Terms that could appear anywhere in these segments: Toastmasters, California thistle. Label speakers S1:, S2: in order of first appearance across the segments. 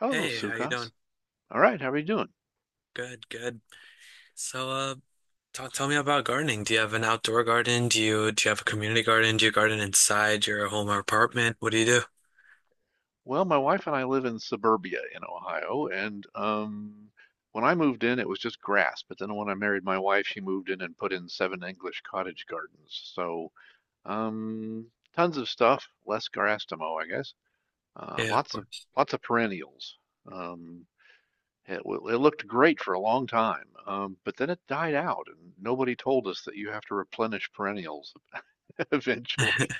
S1: Hello,
S2: Hey, how you
S1: Sukas.
S2: doing?
S1: All right, how are you doing?
S2: Good, good. So, uh, tell me about gardening. Do you have an outdoor garden? Do you have a community garden? Do you garden inside your home or apartment? What do you do?
S1: Well, my wife and I live in suburbia in Ohio, and when I moved in, it was just grass. But then when I married my wife, she moved in and put in seven English cottage gardens. So, um, tons of stuff, less grass to mow, I guess. Uh,
S2: Yeah, of
S1: lots of
S2: course.
S1: lots of perennials. Um, it looked great for a long time, but then it died out, and nobody told us that you have to replenish perennials eventually.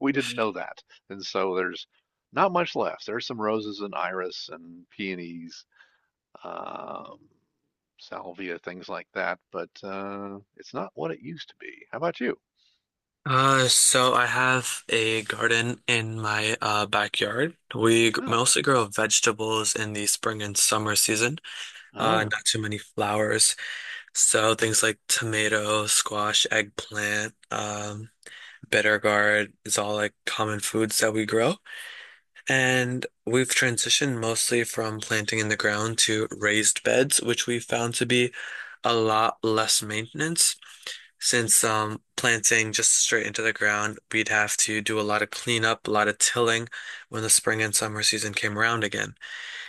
S1: We didn't know that. And so there's not much left. There's some roses and iris and peonies, um, salvia, things like that, but it's not what it used to be. How about you?
S2: So I have a garden in my backyard.
S1: Ah,
S2: Mostly grow vegetables in the spring and summer season.
S1: ah,
S2: Not too many flowers. So things like tomato, squash, eggplant, bitter gourd is all like common foods that we grow. And we've transitioned mostly from planting in the ground to raised beds, which we found to be a lot less maintenance. Since planting just straight into the ground, we'd have to do a lot of cleanup, a lot of tilling when the spring and summer season came around again.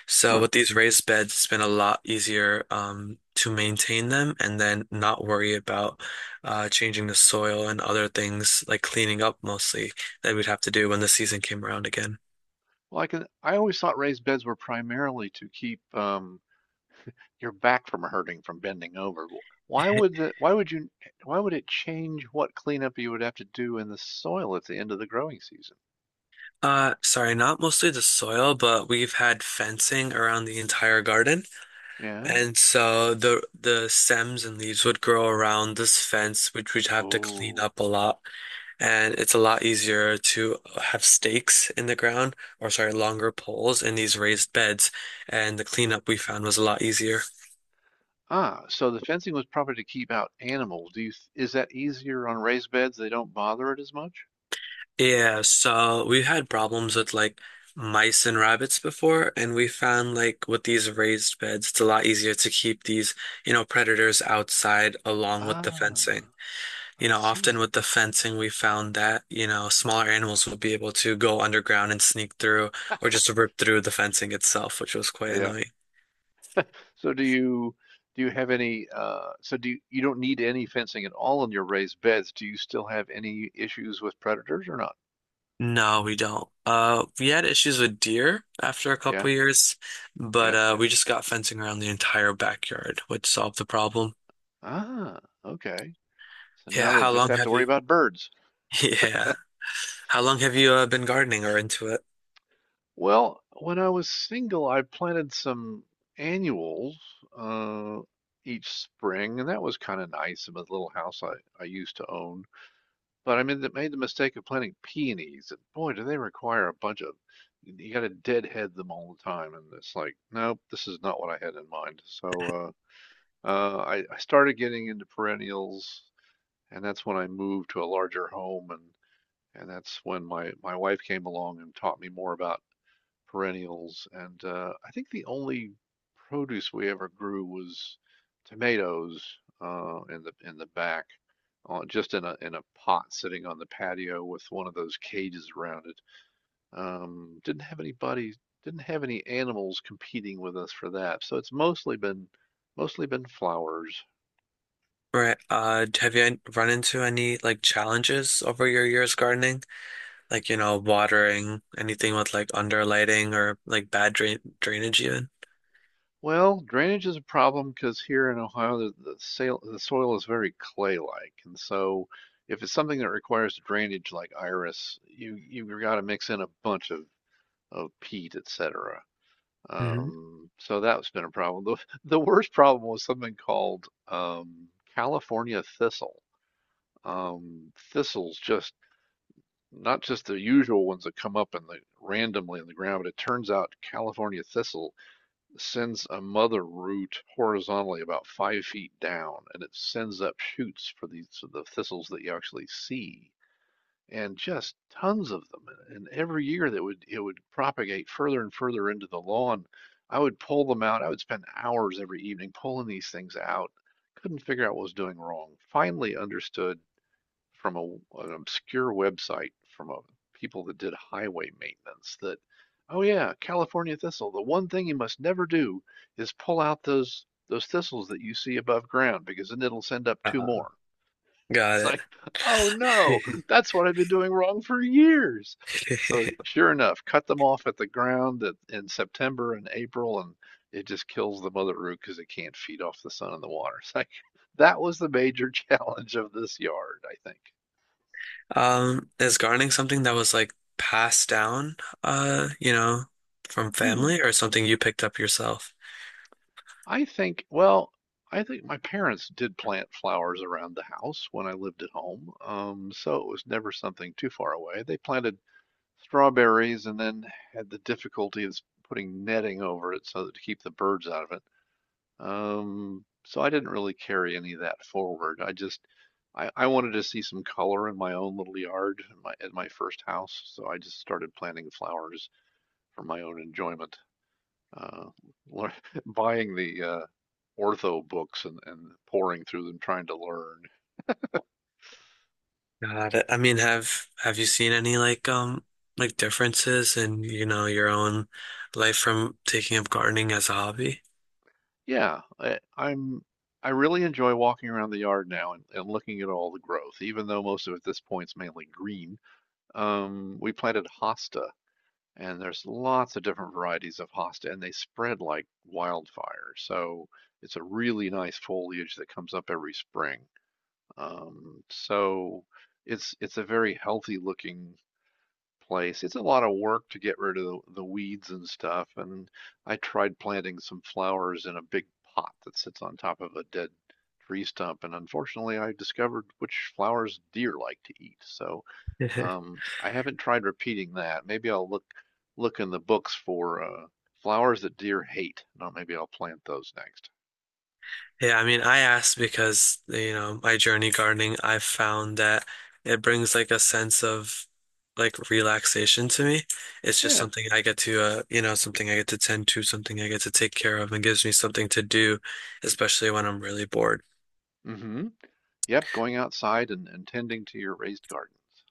S2: So
S1: huh.
S2: with these raised beds, it's been a lot easier to maintain them and then not worry about changing the soil and other things like cleaning up mostly that we'd have to do when the season came around again.
S1: Well, I can. I always thought raised beds were primarily to keep your back from hurting from bending over. Why would you? Why would it change what cleanup you would have to do in the soil at the end of the growing season?
S2: Sorry, not mostly the soil, but we've had fencing around the entire garden.
S1: Yeah.
S2: And so the stems and leaves would grow around this fence, which we'd have to clean
S1: Oh.
S2: up a lot. And it's a lot easier to have stakes in the ground, or sorry, longer poles in these raised beds. And the cleanup we found was a lot easier.
S1: Ah, so the fencing was probably to keep out animals. Is that easier on raised beds? They don't bother it as much?
S2: Yeah, so we've had problems with like mice and rabbits before, and we found like with these raised beds, it's a lot easier to keep these, predators outside along with the
S1: Ah,
S2: fencing. You
S1: I
S2: know, often
S1: see.
S2: with the fencing, we found that, smaller animals would be able to go underground and sneak through or just rip through the fencing itself, which was quite
S1: Yeah.
S2: annoying.
S1: So do you have any you don't need any fencing at all in your raised beds. Do you still have any issues with predators or not?
S2: No, we don't. We had issues with deer after a
S1: Yeah.
S2: couple years, but
S1: Yeah.
S2: we just got fencing around the entire backyard, which solved the problem.
S1: Ah, okay. So
S2: Yeah,
S1: now they
S2: how
S1: just
S2: long
S1: have to
S2: have
S1: worry
S2: you
S1: about birds.
S2: yeah. How long have you been gardening or into it?
S1: Well, when I was single, I planted some annuals uh, each spring, and that was kind of nice in the little house I used to own. But I made made the mistake of planting peonies, and boy, do they require a bunch of, you got to deadhead them all the time. And it's like, nope, this is not what I had in mind. So I started getting into perennials, and that's when I moved to a larger home, and that's when my wife came along and taught me more about perennials, and I think the only produce we ever grew was tomatoes in the back, just in a pot sitting on the patio with one of those cages around it. Um, didn't have anybody, didn't have any animals competing with us for that, so it's mostly been flowers.
S2: Right. Have you run into any like challenges over your years gardening? Like, watering, anything with like under lighting or like bad drainage even?
S1: Well, drainage is a problem because here in Ohio, the soil is very clay-like. And so if it's something that requires drainage like iris, you've got to mix in a bunch of peat, et cetera.
S2: Hmm.
S1: So that's been a problem. The worst problem was something called California thistle. Um, thistles just, not just the usual ones that come up in the randomly in the ground, but it turns out California thistle sends a mother root horizontally about 5 feet down, and it sends up shoots for these so the thistles that you actually see, and just tons of them. And every year that would it would propagate further and further into the lawn. I would pull them out. I would spend hours every evening pulling these things out. Couldn't figure out what was doing wrong. Finally understood from an obscure website from people that did highway maintenance that, oh yeah, California thistle. The one thing you must never do is pull out those thistles that you see above ground because then it'll send up two
S2: Uh,
S1: more. It's
S2: got
S1: like, oh no,
S2: it.
S1: that's what I've been doing wrong for years. So sure enough, cut them off at the ground in September and April, and it just kills the mother root because it can't feed off the sun and the water. It's like that was the major challenge of this yard, I think.
S2: Is gardening something that was like passed down, uh, you know, from family
S1: Hmm.
S2: or something you picked up yourself?
S1: I think, well, I think my parents did plant flowers around the house when I lived at home, so it was never something too far away. They planted strawberries and then had the difficulty of putting netting over it so that to keep the birds out of it. So I didn't really carry any of that forward. I wanted to see some color in my own little yard in my first house, so I just started planting flowers for my own enjoyment. uh, buying the ortho books and pouring through them, trying to learn.
S2: Got it. I mean, have you seen any like differences in, your own life from taking up gardening as a hobby?
S1: Yeah, I, I'm. I really enjoy walking around the yard now and looking at all the growth, even though most of it at this point is mainly green. We planted hosta, and there's lots of different varieties of hosta, and they spread like wildfire. So it's a really nice foliage that comes up every spring. So it's a very healthy looking place. It's a lot of work to get rid of the weeds and stuff. And I tried planting some flowers in a big pot that sits on top of a dead tree stump. And unfortunately, I discovered which flowers deer like to eat. So I haven't tried repeating that. Maybe I'll look in the books for flowers that deer hate. No, maybe I'll plant those next.
S2: Yeah, I mean, I asked because, my journey gardening, I've found that it brings like a sense of like relaxation to me. It's just
S1: Yeah.
S2: something I get to something I get to tend to, something I get to take care of and gives me something to do, especially when I'm really bored.
S1: Mm-hmm. Yep. Going outside and tending to your raised gardens.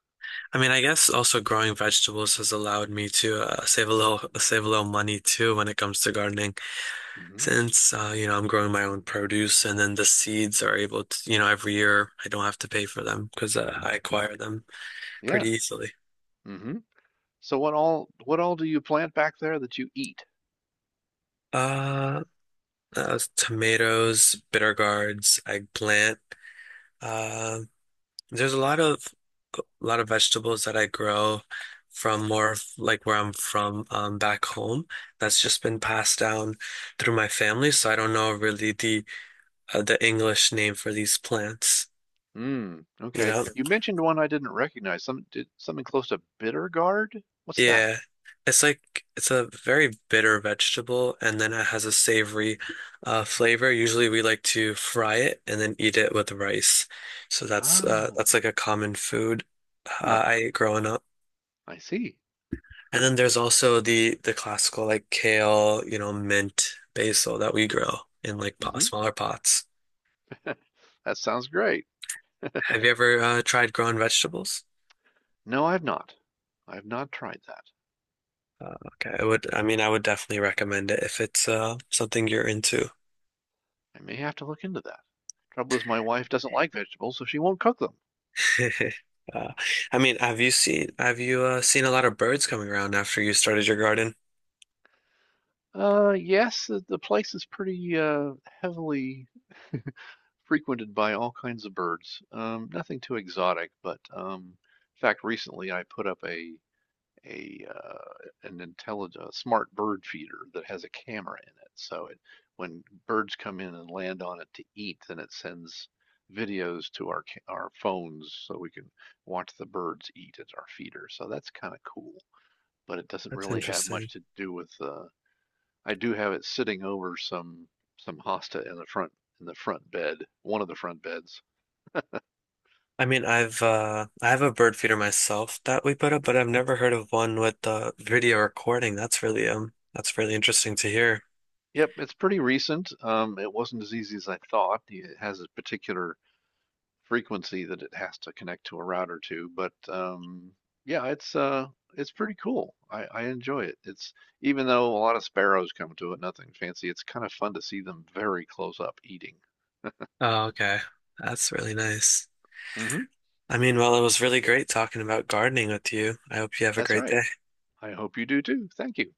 S2: I mean, I guess also growing vegetables has allowed me to save a little save a little money too when it comes to gardening.
S1: Mm-hmm.
S2: Since I'm growing my own produce and then the seeds are able to, every year I don't have to pay for them because I acquire them pretty
S1: Yeah.
S2: easily.
S1: Mm-hmm. So what all do you plant back there that you eat?
S2: Uh, tomatoes, bitter gourds, eggplant. um, There's a lot of vegetables that I grow from more of like where I'm from back home. That's just been passed down through my family, so I don't know really the English name for these plants.
S1: Mm,
S2: You
S1: okay.
S2: know,
S1: You mentioned one I didn't recognize. Some did something close to bitter gourd? What's that?
S2: yeah, it's like it's a very bitter vegetable, and then it has a savory flavor. Usually, we like to fry it and then eat it with rice. So
S1: Ah,
S2: that's like a common food
S1: huh,
S2: I ate growing up.
S1: I see.
S2: And then there's also the classical like kale, mint, basil that we grow in
S1: Mm-hmm.
S2: smaller pots.
S1: That sounds great.
S2: Have you ever tried growing vegetables?
S1: No, I've not. I've not tried that.
S2: Okay, I would. I mean, I would definitely recommend it if it's something you're into.
S1: I may have to look into that. Trouble is, my wife doesn't like vegetables, so she won't cook them.
S2: Uh, I mean, have you seen a lot of birds coming around after you started your garden?
S1: Yes, the place is pretty heavily frequented by all kinds of birds. Nothing too exotic, but in fact, recently I put up a an intelligent smart bird feeder that has a camera in it. So it when birds come in and land on it to eat, then it sends videos to our phones so we can watch the birds eat at our feeder. So that's kind of cool, but it doesn't
S2: That's
S1: really have much
S2: interesting.
S1: to do with. I do have it sitting over some hosta in the front bed, one of the front beds.
S2: I mean, I've I have a bird feeder myself that we put up, but I've never heard of one with video recording. That's really interesting to hear.
S1: Yep, it's pretty recent. It wasn't as easy as I thought. It has a particular frequency that it has to connect to a router to, but yeah, it's pretty cool. I enjoy it. It's even though a lot of sparrows come to it, nothing fancy. It's kind of fun to see them very close up eating.
S2: Oh, okay. That's really nice.
S1: Hmm.
S2: I mean, well, it was really great talking about gardening with you. I hope you have a
S1: That's
S2: great
S1: right.
S2: day.
S1: I hope you do too. Thank you.